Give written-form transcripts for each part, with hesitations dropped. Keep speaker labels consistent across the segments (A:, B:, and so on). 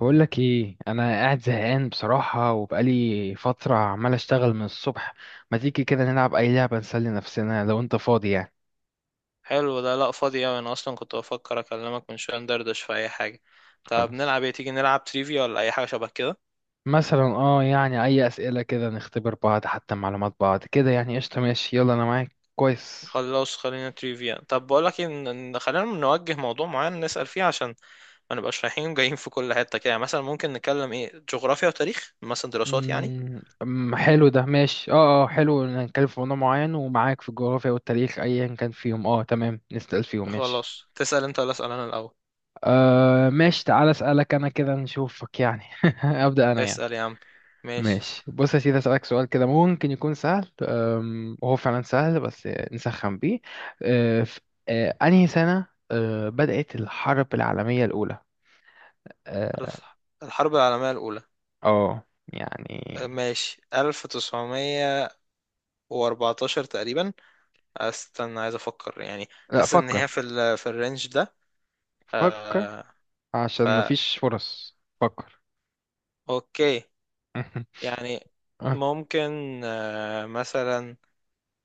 A: بقول لك ايه، انا قاعد زهقان بصراحة، وبقالي فترة عمال اشتغل من الصبح. ما تيجي كده نلعب اي لعبة نسلي نفسنا لو انت فاضي يعني.
B: حلو ده. لا فاضي اوي، انا اصلا كنت بفكر اكلمك من شويه ندردش في اي حاجه. طب
A: خلاص.
B: نلعب ايه؟ تيجي نلعب تريفيا ولا اي حاجه شبه كده.
A: مثلا يعني اي اسئلة كده نختبر بعض، حتى معلومات بعض كده يعني، قشطة ماشي يلا انا معاك كويس.
B: خلاص، خلينا تريفيا. طب بقول لك ان خلينا نوجه موضوع معين نسال فيه عشان ما نبقاش رايحين جايين في كل حته كده، يعني مثلا ممكن نتكلم ايه، جغرافيا وتاريخ، مثلا دراسات يعني.
A: أم، حلو ده ماشي حلو إن نتكلم في موضوع معين، ومعاك في الجغرافيا والتاريخ ايا كان فيهم تمام نسأل فيهم ماشي.
B: خلاص، تسال انت ولا اسال انا الاول؟
A: آه ماشي، تعال اسألك انا كده نشوفك يعني ابدأ انا يعني.
B: اسال يا عم. ماشي.
A: ماشي بص يا سيدي، أسألك سؤال كده ممكن يكون سهل، وهو فعلا سهل بس نسخن بيه. أه، في أه، أنهي سنة بدأت الحرب العالمية الأولى؟ اه،
B: الف- الحرب العالميه الاولى،
A: يعني.
B: ماشي، 1914 تقريبا. استنى عايز افكر، يعني
A: لا
B: حاسس ان هي
A: فكر،
B: في ال في الرينج ده.
A: فكر
B: آه
A: عشان
B: فا
A: مفيش فرص فكر.
B: اوكي، يعني
A: آه،
B: ممكن مثلا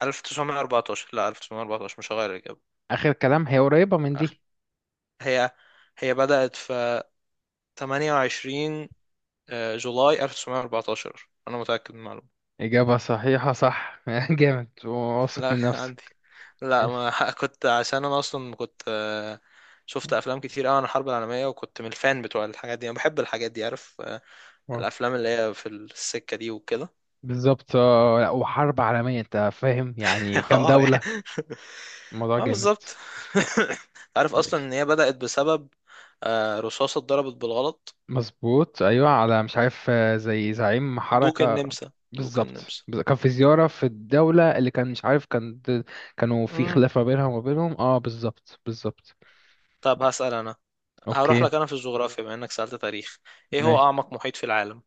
B: 1914. لا 1914 مش هغير الاجابه.
A: آخر كلام هي قريبة من
B: أخ-
A: دي.
B: هي هي بدأت في 28 جولاي 1914، انا متأكد من المعلومه.
A: إجابة صحيحة، صح جامد واثق
B: لا
A: من
B: عندي.
A: نفسك.
B: لا
A: ماشي.
B: ما كنت، عشان انا اصلا كنت شفت افلام كتير قوي عن الحرب العالميه، وكنت من الفان بتوع الحاجات دي، انا بحب الحاجات دي، عارف
A: واو.
B: الافلام اللي هي في السكه دي وكده.
A: بالظبط، لا وحرب عالمية أنت فاهم يعني كام
B: اه
A: دولة.
B: يعني.
A: الموضوع
B: اه
A: جامد.
B: بالظبط. عارف اصلا
A: ماشي.
B: ان هي بدات بسبب رصاصه اتضربت بالغلط.
A: مظبوط ايوه، على مش عارف زي زعيم
B: دوق
A: حركه.
B: النمسا، دوق
A: بالظبط،
B: النمسا.
A: كان في زياره في الدوله اللي كان مش عارف كانوا في
B: امم.
A: خلاف ما بينها وما بينهم، اه بالظبط بالظبط.
B: طب هسال انا، هروح
A: اوكي.
B: لك انا في الجغرافيا بما انك سالت تاريخ. ايه هو
A: ماشي
B: اعمق محيط في العالم؟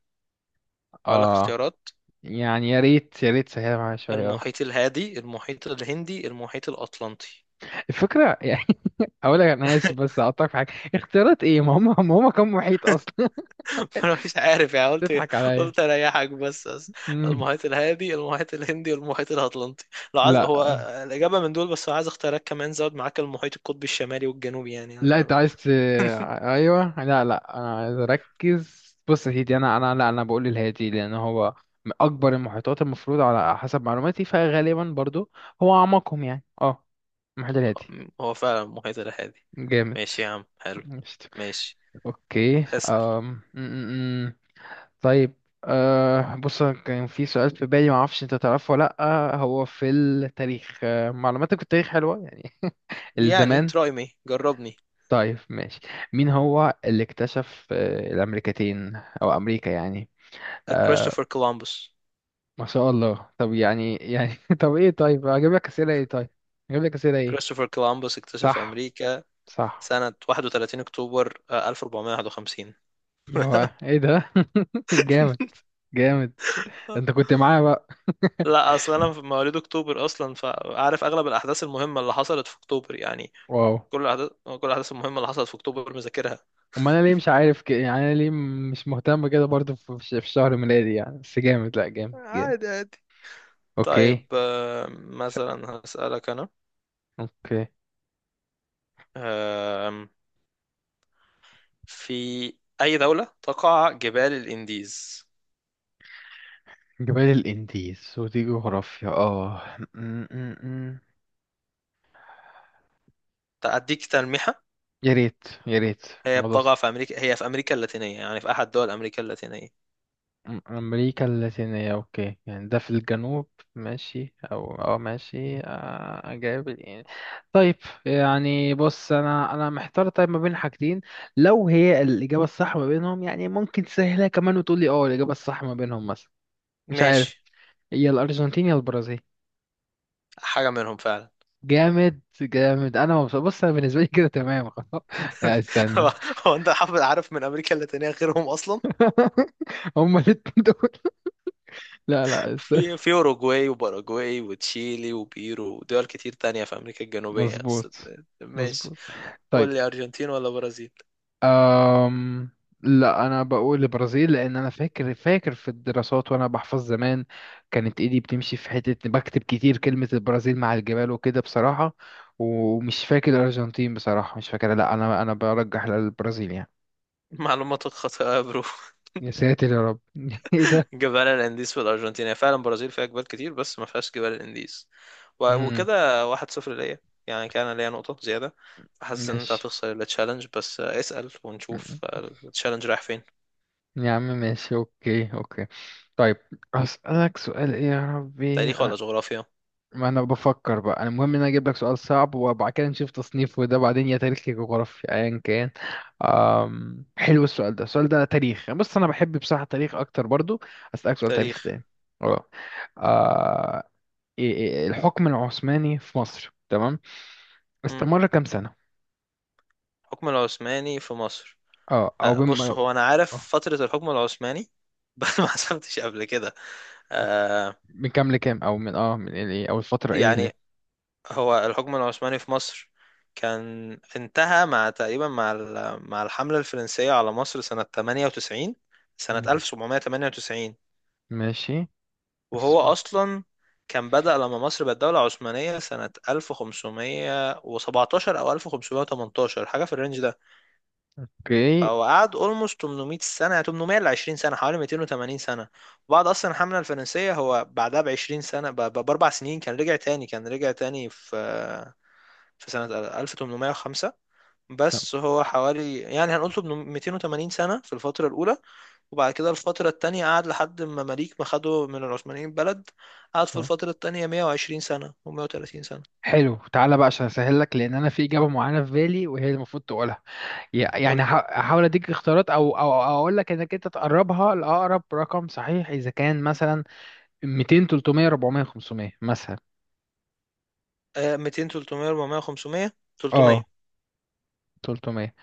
B: اقول لك
A: اه
B: اختيارات:
A: يعني، يا ريت يا ريت سهل معايا شويه اه.
B: المحيط الهادي، المحيط الهندي، المحيط الاطلنطي.
A: الفكره يعني اقول لك انا اسف بس اقطعك في حاجه، اختيارات ايه، ما هم كانوا محيط اصلا.
B: انا مش عارف، يعني قلت،
A: تضحك عليا.
B: قلت اريحك بس
A: مم.
B: المحيط الهادي، المحيط الهندي، والمحيط الاطلنطي. لو عايز هو
A: لا
B: الاجابه من دول بس، لو عايز اختيارات كمان زود معاك المحيط القطبي الشمالي والجنوبي، يعني
A: لا انت عايز. ايوه لا لا انا عايز اركز، بص يا سيدي انا لا، انا بقول الهادي لان هو من اكبر المحيطات المفروض، على حسب معلوماتي فغالبا برضو هو اعمقهم يعني اه، المحيط الهادي.
B: هو فعلا المحيط الهادي.
A: جامد.
B: ماشي يا عم، حلو.
A: مشت.
B: ماشي.
A: اوكي.
B: اسال.
A: أم... م- م- م. طيب، أه بص، أنا كان في سؤال في بالي ما اعرفش انت تعرفه ولا لا، هو في التاريخ معلوماتك في التاريخ حلوه يعني
B: يعني
A: الزمان.
B: تراي مي، جربني.
A: طيب ماشي، مين هو اللي اكتشف الأمريكتين أو أمريكا يعني آه.
B: كريستوفر كولومبوس.
A: ما شاء الله، طب يعني يعني طب إيه طيب أجيب لك أسئلة إيه.
B: كريستوفر كولومبوس اكتشف
A: صح
B: امريكا
A: صح.
B: سنه 31 اكتوبر 1451.
A: يا بقى إيه ده. جامد جامد. أنت كنت معايا بقى.
B: لا اصل انا في مواليد اكتوبر اصلا، فعارف اغلب الاحداث المهمه اللي حصلت في اكتوبر يعني.
A: واو.
B: كل الاحداث المهمه اللي حصلت في اكتوبر مذاكرها.
A: أما أنا ليه مش عارف كده يعني، أنا ليه مش مهتم كده برضو في شهر ميلادي يعني، بس جامد لأ جامد جامد.
B: عادي عادي. طيب
A: أوكي. س-
B: مثلا هسألك انا.
A: أوكي.
B: آم، في اي دوله تقع جبال الانديز؟
A: جبال الإنديز، ودي جغرافيا آه
B: اديك تلميحه:
A: يا ريت يا ريت.
B: هي
A: الموضوع ص-
B: بتقع في امريكا، هي في امريكا اللاتينيه، يعني في احد دول امريكا اللاتينيه.
A: أمريكا اللاتينية أوكي، يعني ده في الجنوب ماشي، أو أو ماشي، أجاوب يعني. طيب يعني بص أنا محتار طيب ما بين حاجتين، لو هي الإجابة الصح ما بينهم يعني ممكن تسهلها كمان، وتقول لي أه الإجابة الصح ما بينهم مثلا. مش عارف،
B: ماشي،
A: يا الأرجنتين يا البرازيل.
B: حاجه منهم فعلا.
A: جامد جامد، أنا مبسوط، بص أنا بالنسبة لي كده تمام خلاص لا، استنى.
B: هو هو انت حافظ عارف من امريكا اللاتينيه غيرهم اصلا؟
A: هما الاتنين دول. لا لا استنى.
B: في اوروجواي وباراجواي وتشيلي وبيرو ودول كتير تانية في امريكا الجنوبية بس.
A: مظبوط.
B: ماشي.
A: مظبوط.
B: قول
A: طيب.
B: لي، ارجنتين ولا برازيل؟
A: أم... لا انا بقول البرازيل لان انا فاكر، فاكر في الدراسات، وانا بحفظ زمان كانت ايدي بتمشي في حته بكتب كتير كلمه البرازيل مع الجبال وكده بصراحه، ومش فاكر الارجنتين بصراحه مش فاكر، لا انا برجح للبرازيل يعني.
B: معلوماتك خاطئة يا برو.
A: يا ساتر يا رب ايه ده.
B: جبال الانديز في الارجنتين، هي فعلا برازيل فيها جبال كتير بس ما فيهاش جبال الانديز.
A: امم
B: وكده واحد صفر ليا، يعني كان ليا نقطة زيادة. حاسس ان انت
A: ماشي.
B: هتخسر التشالنج، بس اسأل ونشوف.
A: مم.
B: التشالنج رايح فين؟
A: يا عم ماشي، اوكي اوكي. طيب هسألك سؤال ايه يا ربي،
B: تاريخ ولا جغرافيا؟
A: ما انا بفكر بقى، انا المهم ان انا اجيب لك سؤال صعب، وبعد كده نشوف تصنيف، وده بعدين يا تاريخ يا جغرافيا ايا كان. أم... حلو، السؤال ده تاريخ يعني، بص انا بحب بصراحة تاريخ اكتر برضو، اسالك سؤال تاريخ
B: تاريخ.
A: تاني اه. آه، إيه- إيه- إيه، الحكم العثماني في مصر، تمام،
B: امم.
A: استمر كام سنة.
B: الحكم العثماني في مصر.
A: اه او بم...
B: بص
A: آه،
B: هو انا عارف فترة الحكم العثماني، بس ما حسبتش قبل كده. آه،
A: من كام لكام، او من اه من ايه او الفترة ايه اللي.
B: يعني هو الحكم العثماني في مصر كان انتهى مع تقريبا مع مع الحملة الفرنسية على مصر سنة 98، سنة
A: مم.
B: 1798.
A: ماشي. بس-
B: وهو أصلا كان بدأ لما مصر بقت دولة عثمانية سنة 1517 أو 1518، حاجة في الرينج ده.
A: اوكي
B: هو قعد اولموست 800 سنه، يعني 800 ل 20 سنه، حوالي 280 سنه. بعد اصلا الحمله الفرنسيه هو بعدها ب 20 سنه باربع سنين كان رجع تاني في سنه 1805. بس هو حوالي يعني هنقول 800، 280 سنه في الفتره الاولى، وبعد كده الفتره التانيه قعد لحد ما مماليك ما خدوا من العثمانيين بلد، قعد في
A: تمام،
B: الفتره التانيه 120 سنه و130 سنه.
A: حلو. تعالى بقى عشان اسهل لك، لان انا في اجابه معينه في بالي وهي المفروض تقولها، يع-
B: قول
A: يعني ه-
B: لي.
A: هحاول اديك اختيارات، او او أو اقول لك انك انت تقربها لاقرب رقم صحيح، اذا كان مثلا 200 300 400 500 مثلا.
B: 200، 300، 400، 500؟
A: اه
B: 300.
A: 300.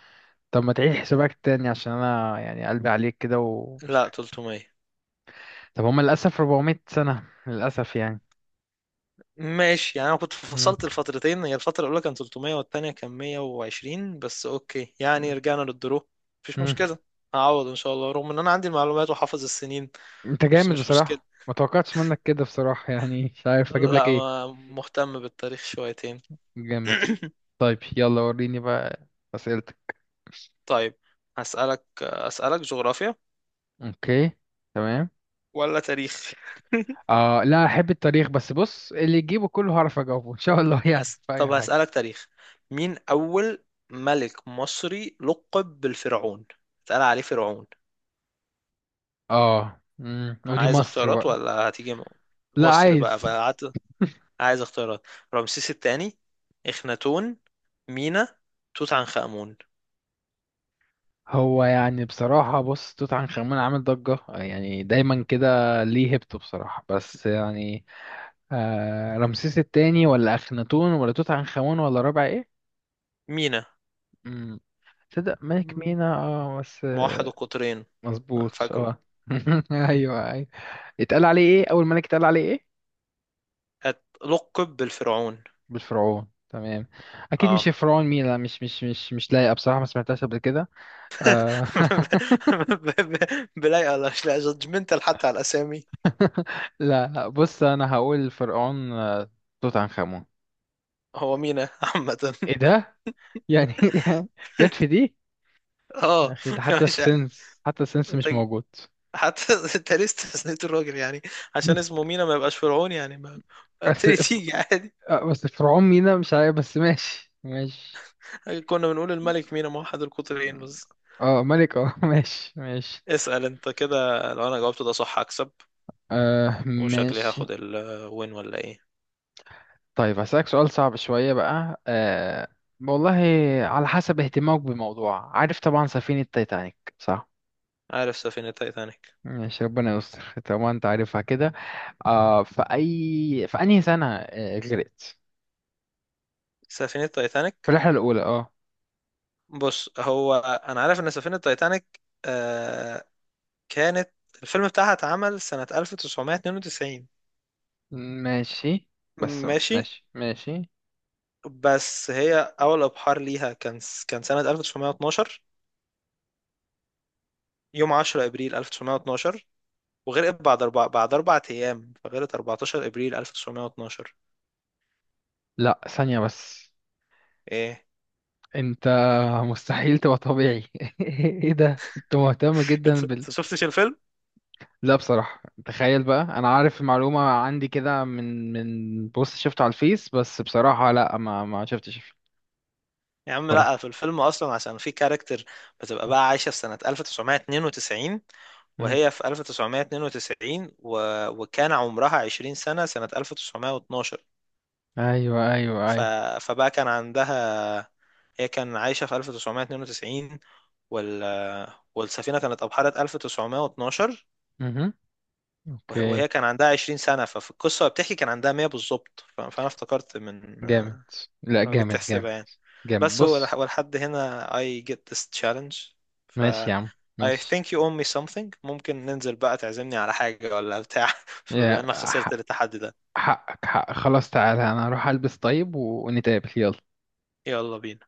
A: طب ما تعيد
B: 300
A: حسابك تاني، عشان انا يعني قلبي عليك كده
B: لا 300.
A: طب هم للاسف 400 سنه للاسف يعني.
B: ماشي، يعني انا كنت
A: مم.
B: فصلت الفترتين، هي الفتره الاولى كانت 300 والتانيه كان 120 بس، اوكي يعني رجعنا للدرو. مفيش
A: مم.
B: مشكله، هعوض ان شاء الله، رغم ان انا عندي المعلومات وحافظ السنين.
A: انت
B: بس
A: جامد
B: مش مشكله،
A: بصراحه، ما توقعتش منك كده بصراحه، يعني مش عارف اجيب لك
B: لا
A: ايه.
B: ما مهتم بالتاريخ شويتين.
A: جامد. طيب يلا وريني بقى اسئله.
B: طيب أسألك جغرافيا
A: اوكي تمام.
B: ولا تاريخ؟
A: اه لا احب التاريخ، بس بص اللي يجيبه كله هعرف اجاوبه ان شاء الله يعني في اي
B: طب
A: حاجه.
B: هسألك تاريخ. مين أول ملك مصري لقب بالفرعون، اتقال عليه فرعون؟
A: اه امم، ودي
B: عايز
A: مصر
B: اختيارات
A: بقى.
B: ولا هتيجي
A: لا
B: مصر
A: عايز.
B: بقى فقعدت؟ عايز اختيارات: رمسيس الثاني، اخناتون، مينا، توت عنخ آمون.
A: هو يعني بصراحه بص، توت عنخ امون عامل ضجه، يعني دايما كده ليه هيبته بصراحه بس يعني. آه، رمسيس التاني، ولا اخناتون، ولا توت عنخ امون، ولا رابع ايه.
B: مينا.
A: امم. تصدق ملك
B: مم.
A: مينا اه، بس
B: موحد القطرين،
A: مظبوط
B: فاكره.
A: اه. ايوه ايوه. اتقال عليه ايه، اول ملك اتقال عليه ايه.
B: لقب بالفرعون.
A: بالفرعون تمام. اكيد مش
B: اه.
A: فرعون مينا، مش لايقه بصراحه، ما سمعتهاش قبل كده. آه.
B: بلاي الله، مش لا جادجمنتال حتى على الاسامي.
A: لا لا بص، انا هقول فرعون، توت عنخ امون.
B: هو مينا عامة.
A: ايه ده يعني جت في دي. يا
B: اه
A: اخي، ده حتى
B: مش ع-
A: السنس
B: انت،
A: مش موجود.
B: حتى انت ليه استثنيت الراجل يعني؟ عشان اسمه مينا ما يبقاش فرعون يعني؟ ما
A: بس
B: تيجي
A: ف-
B: تيجي عادي.
A: آه، بس فرعون مينا مش عارف، بس ماشي ماشي.
B: كنا بنقول الملك مينا موحد القطرين بس.
A: اه ملك اه ماشي ماشي.
B: اسأل انت كده، لو انا جاوبت ده صح هكسب،
A: آه
B: وشكلي
A: ماشي.
B: هاخد الوين ولا ايه؟
A: طيب هسألك سؤال صعب شوية بقى أه، والله على حسب اهتمامك بالموضوع، عارف طبعا سفينة تايتانيك صح؟
B: عارف سفينة تايتانيك.
A: ماشي ربنا يستر طبعا انت عارفها كده. أه في أي في أنهي سنة غرقت؟
B: سفينة
A: في
B: تايتانيك.
A: الرحلة الأولى اه.
B: بص هو انا عارف ان سفينة تايتانيك آه كانت، الفيلم بتاعها اتعمل سنة 1992.
A: ماشي، بس
B: ماشي،
A: ماشي ماشي.
B: بس هي اول ابحار ليها كان، كان سنة 1912، يوم 10 ابريل 1912، وغرقت بعد اربع ايام، فغرقت 14 ابريل 1912.
A: لا ثانية بس،
B: ايه
A: انت مستحيل تبقى طبيعي ايه ده، انت مهتم
B: انت،
A: جدا.
B: أنت شفتش الفيلم؟
A: لا بصراحة تخيل بقى، أنا عارف المعلومة عندي كده من بوست شفته على الفيس، بس بصراحة لا ما شفتش
B: يا عم
A: بصراحة.
B: لا، في الفيلم اصلا عشان في كاركتر بتبقى بقى عايشه في سنه 1992،
A: مم.
B: وهي في 1992 وكان عمرها 20 سنه سنه 1912.
A: أيوه أيوه
B: ف...
A: أيوه.
B: فبقى كان عندها، هي كان عايشه في 1992 وال... والسفينه كانت ابحرت 1912،
A: مهم. أوكي.
B: وهي كان عندها 20 سنه، ففي القصه بتحكي كان عندها 100 بالظبط. فانا افتكرت من
A: جامد. لا
B: لو جيت
A: جامد جامد
B: تحسبها يعني.
A: جامد
B: بس هو
A: بص.
B: ولحد هنا I get this challenge. ف
A: ماشي يا عم،
B: I
A: ماشي
B: think you owe me something. ممكن ننزل بقى تعزمني على حاجة ولا بتاع؟ بما
A: يا
B: انك خسرت
A: حق.
B: التحدي ده.
A: حقك حقك خلاص، تعالى أنا هروح ألبس طيب ونتقابل يلا.
B: يلا بينا